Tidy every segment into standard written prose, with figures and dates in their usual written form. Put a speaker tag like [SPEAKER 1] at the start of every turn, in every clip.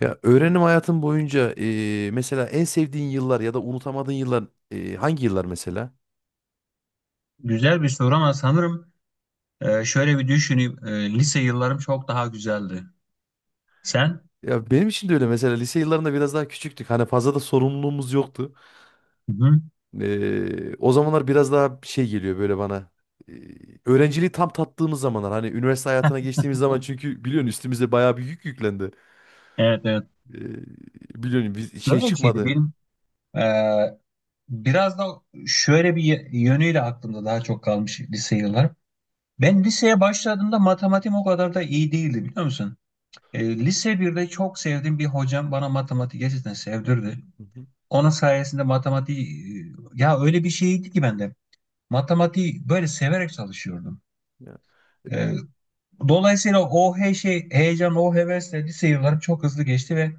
[SPEAKER 1] Ya öğrenim hayatın boyunca mesela en sevdiğin yıllar ya da unutamadığın yıllar hangi yıllar mesela?
[SPEAKER 2] Güzel bir soru ama sanırım şöyle bir düşüneyim. Lise yıllarım çok daha güzeldi. Sen?
[SPEAKER 1] Ya benim için de öyle mesela lise yıllarında biraz daha küçüktük. Hani fazla da sorumluluğumuz yoktu.
[SPEAKER 2] Hı hı.
[SPEAKER 1] O zamanlar biraz daha şey geliyor böyle bana. E, Öğrenciliği tam tattığımız zamanlar hani üniversite hayatına geçtiğimiz zaman çünkü biliyorsun üstümüze bayağı bir yük yüklendi.
[SPEAKER 2] Evet, evet.
[SPEAKER 1] E, Biliyorsun biz şey
[SPEAKER 2] Böyle bir şeydi
[SPEAKER 1] çıkmadı.
[SPEAKER 2] benim. e, Biraz da şöyle bir yönüyle aklımda daha çok kalmış lise yıllarım. Ben liseye başladığımda matematiğim o kadar da iyi değildi, biliyor musun? Lise birde çok sevdiğim bir hocam bana matematik gerçekten sevdirdi.
[SPEAKER 1] Hı hı.
[SPEAKER 2] Onun sayesinde matematiği ya öyle bir şeydi ki bende. Matematiği böyle severek çalışıyordum.
[SPEAKER 1] Ya.
[SPEAKER 2] E, Dolayısıyla o şey, heyecan, o hevesle lise yıllarım çok hızlı geçti ve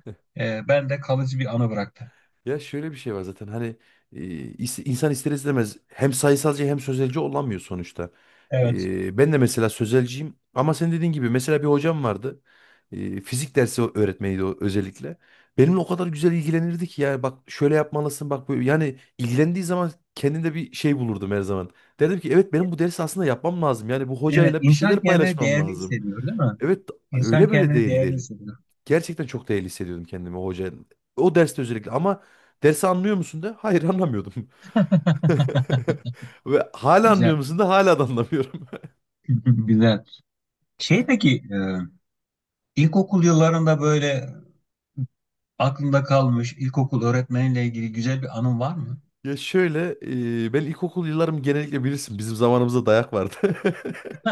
[SPEAKER 2] bende kalıcı bir anı bıraktı.
[SPEAKER 1] Ya şöyle bir şey var zaten hani e, insan ister istemez hem sayısalcı hem sözelci olamıyor sonuçta.
[SPEAKER 2] Evet.
[SPEAKER 1] Ben de mesela sözelciyim ama sen dediğin gibi mesela bir hocam vardı. Fizik dersi öğretmeniydi o özellikle. Benimle o kadar güzel ilgilenirdi ki ya bak şöyle yapmalısın bak böyle yani ilgilendiği zaman kendinde bir şey bulurdum her zaman. Derdim ki evet benim bu dersi aslında yapmam lazım. Yani bu
[SPEAKER 2] Evet,
[SPEAKER 1] hocayla bir şeyler
[SPEAKER 2] insan kendini
[SPEAKER 1] paylaşmam
[SPEAKER 2] değerli
[SPEAKER 1] lazım.
[SPEAKER 2] hissediyor, değil mi?
[SPEAKER 1] Evet
[SPEAKER 2] İnsan
[SPEAKER 1] öyle böyle
[SPEAKER 2] kendini
[SPEAKER 1] değil
[SPEAKER 2] değerli
[SPEAKER 1] değil.
[SPEAKER 2] hissediyor.
[SPEAKER 1] Gerçekten çok değerli hissediyordum kendimi o hoca. O derste özellikle ama dersi anlıyor musun de? Hayır anlamıyordum. Ve hala anlıyor
[SPEAKER 2] Güzel,
[SPEAKER 1] musun da hala da anlamıyorum.
[SPEAKER 2] güzel. Şey peki, ilkokul yıllarında böyle aklında kalmış ilkokul öğretmeninle ilgili güzel bir anın var mı?
[SPEAKER 1] Ya şöyle ben ilkokul yıllarım genellikle bilirsin bizim zamanımızda dayak vardı.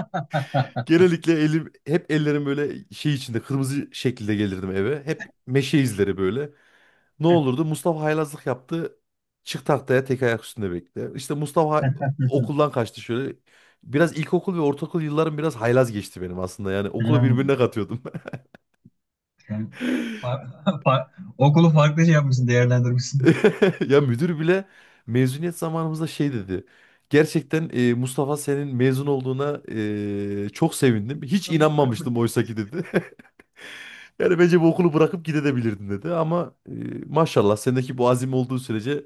[SPEAKER 1] Genellikle elim hep ellerim böyle şey içinde kırmızı şekilde gelirdim eve. Hep meşe izleri böyle. Ne olurdu? Mustafa haylazlık yaptı. Çık tahtaya tek ayak üstünde bekle. İşte Mustafa okuldan kaçtı şöyle. Biraz ilkokul ve ortaokul yıllarım biraz haylaz geçti benim aslında. Yani okulu
[SPEAKER 2] Hmm,
[SPEAKER 1] birbirine katıyordum.
[SPEAKER 2] sen fa- fa- okulu farklı şey yapmışsın, değerlendirmişsin.
[SPEAKER 1] Ya müdür bile mezuniyet zamanımızda şey dedi. Gerçekten Mustafa senin mezun olduğuna çok sevindim. Hiç inanmamıştım oysa ki dedi. Yani bence bu okulu bırakıp gidebilirdin dedi. Ama maşallah sendeki bu azim olduğu sürece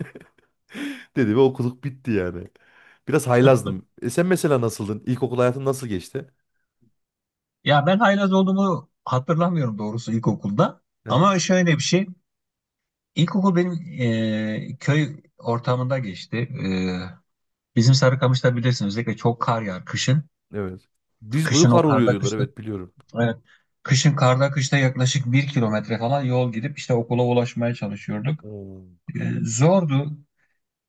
[SPEAKER 1] dedi ve okuluk bitti yani. Biraz haylazdım. E sen mesela nasıldın? İlkokul hayatın nasıl geçti?
[SPEAKER 2] Ya ben haylaz olduğumu hatırlamıyorum doğrusu ilkokulda.
[SPEAKER 1] Hı hı,
[SPEAKER 2] Ama şöyle bir şey. İlkokul benim köy ortamında geçti. Bizim Sarıkamış'ta bilirsin, özellikle çok kar yağar kışın.
[SPEAKER 1] evet. Diz boyu
[SPEAKER 2] Kışın
[SPEAKER 1] kar
[SPEAKER 2] o
[SPEAKER 1] oluyor
[SPEAKER 2] karda
[SPEAKER 1] diyorlar.
[SPEAKER 2] kışta.
[SPEAKER 1] Evet biliyorum.
[SPEAKER 2] Evet. Kışın karda kışta yaklaşık bir kilometre falan yol gidip işte okula ulaşmaya çalışıyorduk.
[SPEAKER 1] Hmm.
[SPEAKER 2] Zordu.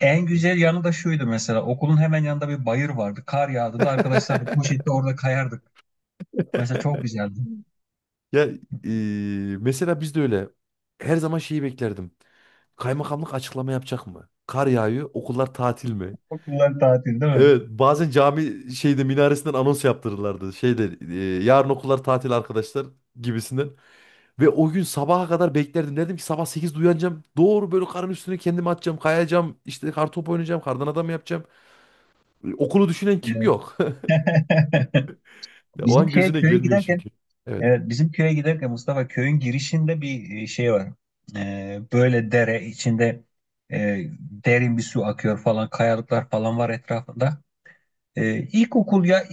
[SPEAKER 2] En güzel yanı da şuydu, mesela okulun hemen yanında bir bayır vardı. Kar yağdığında arkadaşlarla poşette orada kayardık. Mesela çok güzeldi.
[SPEAKER 1] Ya e, mesela biz de öyle. Her zaman şeyi beklerdim. Kaymakamlık açıklama yapacak mı? Kar yağıyor, okullar tatil mi?
[SPEAKER 2] Okullar tatil değil mi?
[SPEAKER 1] Evet, bazen cami şeyde minaresinden anons yaptırırlardı. Şeyde yarın okullar tatil arkadaşlar gibisinden. Ve o gün sabaha kadar beklerdim. Dedim ki sabah 8'de uyanacağım. Doğru böyle karın üstüne kendimi atacağım. Kayacağım. İşte kartopu oynayacağım. Kardan adam yapacağım. Okulu düşünen kim
[SPEAKER 2] Evet.
[SPEAKER 1] yok? Ya o
[SPEAKER 2] Bizim
[SPEAKER 1] an
[SPEAKER 2] şeye
[SPEAKER 1] gözüne
[SPEAKER 2] köye
[SPEAKER 1] gelmiyor
[SPEAKER 2] giderken,
[SPEAKER 1] çünkü. Evet.
[SPEAKER 2] evet, bizim köye giderken Mustafa köyün girişinde bir şey var. Böyle dere içinde derin bir su akıyor falan, kayalıklar falan var etrafında. İlkokul ya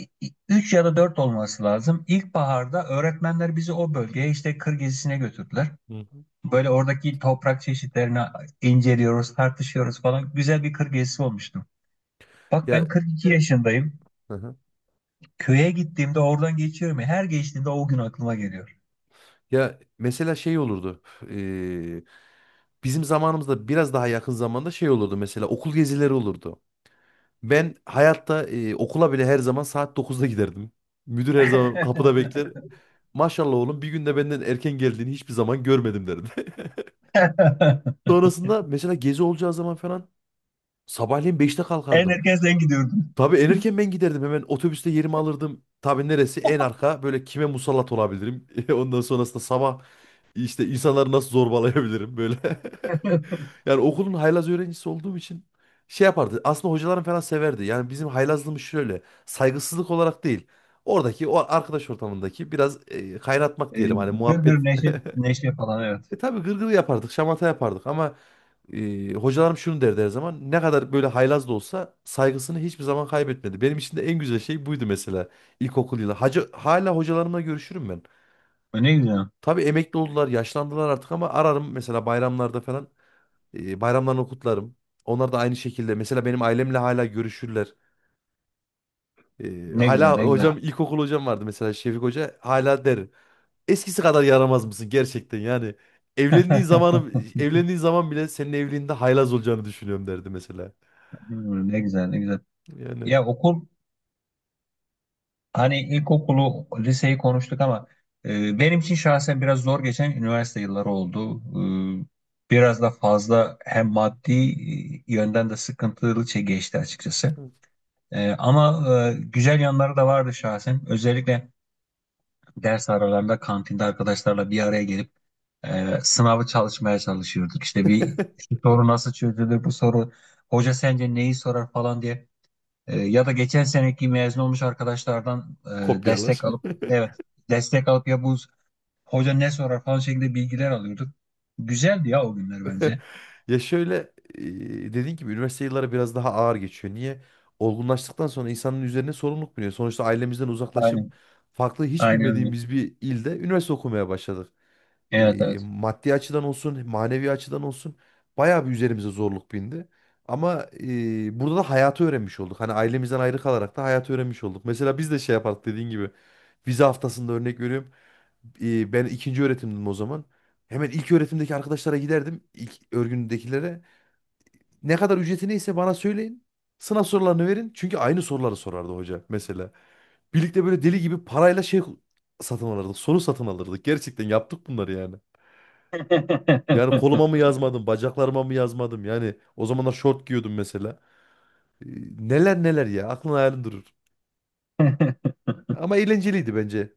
[SPEAKER 2] 3 ya da 4 olması lazım. İlkbaharda öğretmenler bizi o bölgeye işte kır gezisine götürdüler.
[SPEAKER 1] Hı hı.
[SPEAKER 2] Böyle oradaki toprak çeşitlerini inceliyoruz, tartışıyoruz falan. Güzel bir kır gezisi olmuştu. Bak
[SPEAKER 1] Ya
[SPEAKER 2] ben 42 yaşındayım.
[SPEAKER 1] hı hı.
[SPEAKER 2] Köye gittiğimde oradan geçiyorum ya. Her geçtiğimde o gün aklıma geliyor.
[SPEAKER 1] Ya mesela şey olurdu. Eee, Bizim zamanımızda biraz daha yakın zamanda şey olurdu mesela okul gezileri olurdu. Ben hayatta okula bile her zaman saat dokuzda giderdim. Müdür her zaman kapıda bekler. Maşallah oğlum bir günde benden erken geldiğini hiçbir zaman görmedim derdi. Sonrasında mesela gezi olacağı zaman falan sabahleyin beşte
[SPEAKER 2] En
[SPEAKER 1] kalkardım.
[SPEAKER 2] erken sen gidiyordun.
[SPEAKER 1] Tabii en erken ben giderdim hemen otobüste yerimi alırdım. Tabii neresi en arka böyle kime musallat olabilirim. Ondan sonrasında sabah işte insanları nasıl zorbalayabilirim böyle. Yani okulun haylaz öğrencisi olduğum için şey yapardı. Aslında hocalarım falan severdi. Yani bizim haylazlığımız şöyle. Saygısızlık olarak değil. Oradaki o arkadaş ortamındaki biraz kaynatmak
[SPEAKER 2] E,
[SPEAKER 1] diyelim. Hani
[SPEAKER 2] gır
[SPEAKER 1] muhabbet.
[SPEAKER 2] neşe, neşe falan, evet.
[SPEAKER 1] E tabii gırgır yapardık. Şamata yapardık. Ama hocalarım şunu derdi her zaman. Ne kadar böyle haylaz da olsa saygısını hiçbir zaman kaybetmedi. Benim için de en güzel şey buydu mesela. İlkokul yılı. Hacı, hala hocalarımla görüşürüm ben.
[SPEAKER 2] Ne güzel.
[SPEAKER 1] Tabii emekli oldular, yaşlandılar artık ama ararım mesela bayramlarda falan. Bayramlarını kutlarım. Onlar da aynı şekilde. Mesela benim ailemle hala görüşürler.
[SPEAKER 2] Ne güzel,
[SPEAKER 1] Hala
[SPEAKER 2] ne güzel.
[SPEAKER 1] hocam ilkokul hocam vardı mesela Şefik Hoca. Hala der. Eskisi kadar yaramaz mısın gerçekten yani. Evlendiğin zamanı evlendiğin zaman bile senin evliliğinde haylaz olacağını düşünüyorum derdi mesela.
[SPEAKER 2] Ne güzel, ne güzel.
[SPEAKER 1] Yani
[SPEAKER 2] Ya hani ilkokulu liseyi konuştuk ama benim için şahsen biraz zor geçen üniversite yılları oldu. Biraz da fazla hem maddi yönden de sıkıntılı şey geçti açıkçası. Ama güzel yanları da vardı şahsen. Özellikle ders aralarında kantinde arkadaşlarla bir araya gelip sınavı çalışmaya çalışıyorduk. İşte bir şu soru nasıl çözülür, bu soru hoca sence neyi sorar falan diye. Ya da geçen seneki mezun olmuş arkadaşlardan destek
[SPEAKER 1] kopyalar.
[SPEAKER 2] alıp, evet, destek alıp ya bu hoca ne sorar falan şeklinde bilgiler alıyorduk. Güzeldi ya o günler bence.
[SPEAKER 1] Ya şöyle e, dediğin gibi üniversite yılları biraz daha ağır geçiyor. Niye? Olgunlaştıktan sonra insanın üzerine sorumluluk biniyor. Sonuçta ailemizden uzaklaşıp
[SPEAKER 2] Aynen.
[SPEAKER 1] farklı hiç
[SPEAKER 2] Aynen öyle.
[SPEAKER 1] bilmediğimiz bir ilde üniversite okumaya başladık.
[SPEAKER 2] Evet, evet.
[SPEAKER 1] Maddi açıdan olsun, manevi açıdan olsun bayağı bir üzerimize zorluk bindi. Ama burada da hayatı öğrenmiş olduk. Hani ailemizden ayrı kalarak da hayatı öğrenmiş olduk. Mesela biz de şey yapardık dediğin gibi vize haftasında örnek veriyorum. Ben ikinci öğretimdim o zaman. Hemen ilk öğretimdeki arkadaşlara giderdim. İlk örgündekilere. Ne kadar ücreti neyse bana söyleyin. Sınav sorularını verin. Çünkü aynı soruları sorardı hoca mesela. Birlikte böyle deli gibi parayla şey satın alırdık. Soru satın alırdık. Gerçekten yaptık bunları yani. Yani koluma mı yazmadım, bacaklarıma mı yazmadım? Yani o zamanlar şort giyiyordum mesela. Ee, Neler neler ya. Aklın hayalin durur. Ama eğlenceliydi bence.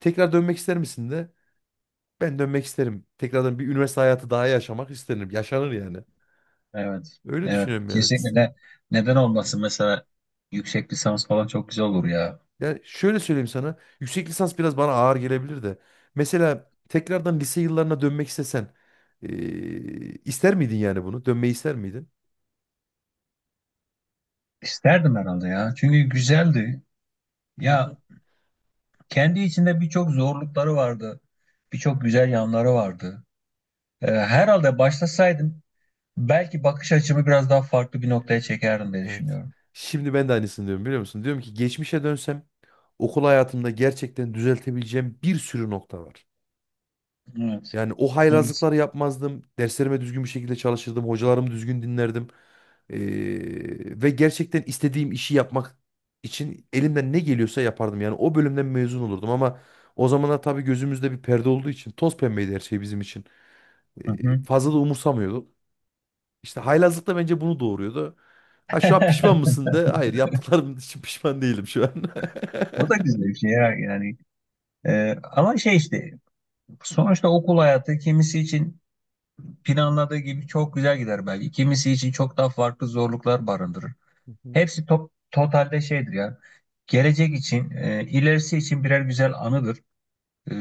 [SPEAKER 1] Tekrar dönmek ister misin de? Ben dönmek isterim. Tekrardan bir üniversite hayatı daha yaşamak isterim. Yaşanır yani.
[SPEAKER 2] Evet.
[SPEAKER 1] Öyle
[SPEAKER 2] Evet.
[SPEAKER 1] düşünüyorum yani.
[SPEAKER 2] Kesinlikle. Neden olmasın, mesela yüksek lisans falan çok güzel olur ya.
[SPEAKER 1] Yani şöyle söyleyeyim sana. Yüksek lisans biraz bana ağır gelebilir de. Mesela tekrardan lise yıllarına dönmek istesen. ee, ister miydin yani bunu? Dönmeyi ister miydin?
[SPEAKER 2] İsterdim herhalde ya. Çünkü güzeldi.
[SPEAKER 1] Hı hı.
[SPEAKER 2] Ya kendi içinde birçok zorlukları vardı. Birçok güzel yanları vardı. Herhalde başlasaydım belki bakış açımı biraz daha farklı bir noktaya çekerdim diye
[SPEAKER 1] Evet.
[SPEAKER 2] düşünüyorum.
[SPEAKER 1] Şimdi ben de aynısını diyorum biliyor musun? Diyorum ki geçmişe dönsem okul hayatımda gerçekten düzeltebileceğim bir sürü nokta var.
[SPEAKER 2] Evet.
[SPEAKER 1] Yani o
[SPEAKER 2] Evet.
[SPEAKER 1] haylazlıkları yapmazdım. Derslerime düzgün bir şekilde çalışırdım. Hocalarımı düzgün dinlerdim. Ee, Ve gerçekten istediğim işi yapmak için elimden ne geliyorsa yapardım. Yani o bölümden mezun olurdum ama o zamanlar tabii gözümüzde bir perde olduğu için toz pembeydi her şey bizim için.
[SPEAKER 2] Hı hı.
[SPEAKER 1] Fazla da umursamıyorduk. İşte haylazlık da bence bunu doğuruyordu. Ha şu an pişman mısın de? Hayır yaptıklarım için pişman değilim şu an.
[SPEAKER 2] O da güzel bir şey ya yani. Ama şey işte sonuçta okul hayatı kimisi için planladığı gibi çok güzel gider belki. Kimisi için çok daha farklı zorluklar barındırır.
[SPEAKER 1] Hı hı.
[SPEAKER 2] Hepsi totalde şeydir ya. Gelecek için, ilerisi için birer güzel anıdır. E,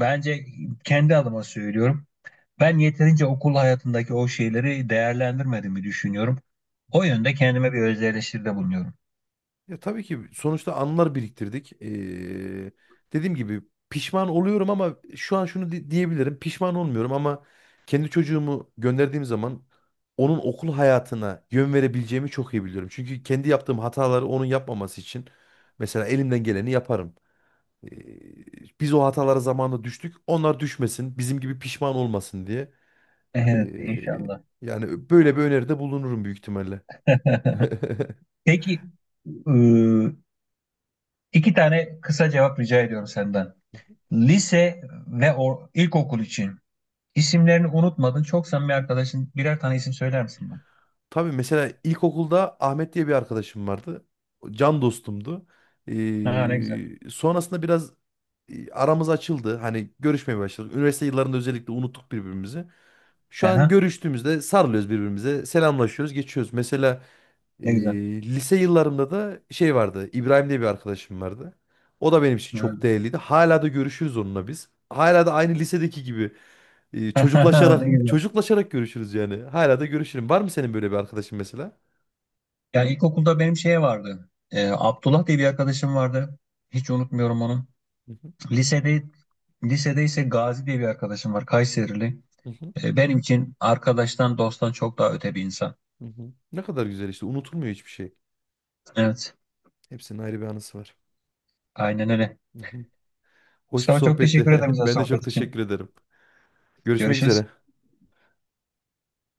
[SPEAKER 2] bence kendi adıma söylüyorum. Ben yeterince okul hayatındaki o şeyleri değerlendirmediğimi düşünüyorum. O yönde kendime bir öz eleştiride bulunuyorum.
[SPEAKER 1] Ya tabii ki sonuçta anılar biriktirdik. Dediğim gibi pişman oluyorum ama şu an şunu diyebilirim. Pişman olmuyorum ama kendi çocuğumu gönderdiğim zaman onun okul hayatına yön verebileceğimi çok iyi biliyorum. Çünkü kendi yaptığım hataları onun yapmaması için mesela elimden geleni yaparım. Ee, Biz o hatalara zamanında düştük. Onlar düşmesin, bizim gibi pişman olmasın diye. Ee,
[SPEAKER 2] Evet, inşallah.
[SPEAKER 1] Yani böyle bir öneride bulunurum büyük ihtimalle.
[SPEAKER 2] Peki, e, iki tane kısa cevap rica ediyorum senden. Lise ve ilkokul için isimlerini unutmadın. Çok samimi arkadaşın birer tane isim söyler misin bana?
[SPEAKER 1] Tabii mesela ilkokulda Ahmet diye bir arkadaşım vardı. Can dostumdu.
[SPEAKER 2] Ha, ne güzel.
[SPEAKER 1] Sonrasında biraz aramız açıldı. Hani görüşmeye başladık. Üniversite yıllarında özellikle unuttuk birbirimizi. Şu an
[SPEAKER 2] Aha,
[SPEAKER 1] görüştüğümüzde sarılıyoruz birbirimize. Selamlaşıyoruz, geçiyoruz. Mesela e,
[SPEAKER 2] ne güzel.
[SPEAKER 1] lise yıllarımda da şey vardı. İbrahim diye bir arkadaşım vardı. O da benim için
[SPEAKER 2] Evet.
[SPEAKER 1] çok değerliydi. Hala da görüşürüz onunla biz. Hala da aynı lisedeki gibi
[SPEAKER 2] Ne
[SPEAKER 1] çocuklaşarak
[SPEAKER 2] güzel.
[SPEAKER 1] çocuklaşarak görüşürüz yani. Hala da görüşürüm. Var mı senin böyle bir arkadaşın mesela?
[SPEAKER 2] Yani ilkokulda benim şeye vardı. Abdullah diye bir arkadaşım vardı. Hiç unutmuyorum onu.
[SPEAKER 1] Hı hı,
[SPEAKER 2] Lisede ise Gazi diye bir arkadaşım var. Kayserili.
[SPEAKER 1] hı hı,
[SPEAKER 2] Benim için arkadaştan dosttan çok daha öte bir insan.
[SPEAKER 1] hı hı. Ne kadar güzel işte. Unutulmuyor hiçbir şey.
[SPEAKER 2] Evet.
[SPEAKER 1] Hepsinin ayrı bir anısı var.
[SPEAKER 2] Aynen öyle.
[SPEAKER 1] Hı hı. Hoş bir
[SPEAKER 2] Mustafa, çok
[SPEAKER 1] sohbetti.
[SPEAKER 2] teşekkür ederim güzel
[SPEAKER 1] Ben de çok
[SPEAKER 2] sohbet için.
[SPEAKER 1] teşekkür ederim. Görüşmek
[SPEAKER 2] Görüşürüz.
[SPEAKER 1] üzere.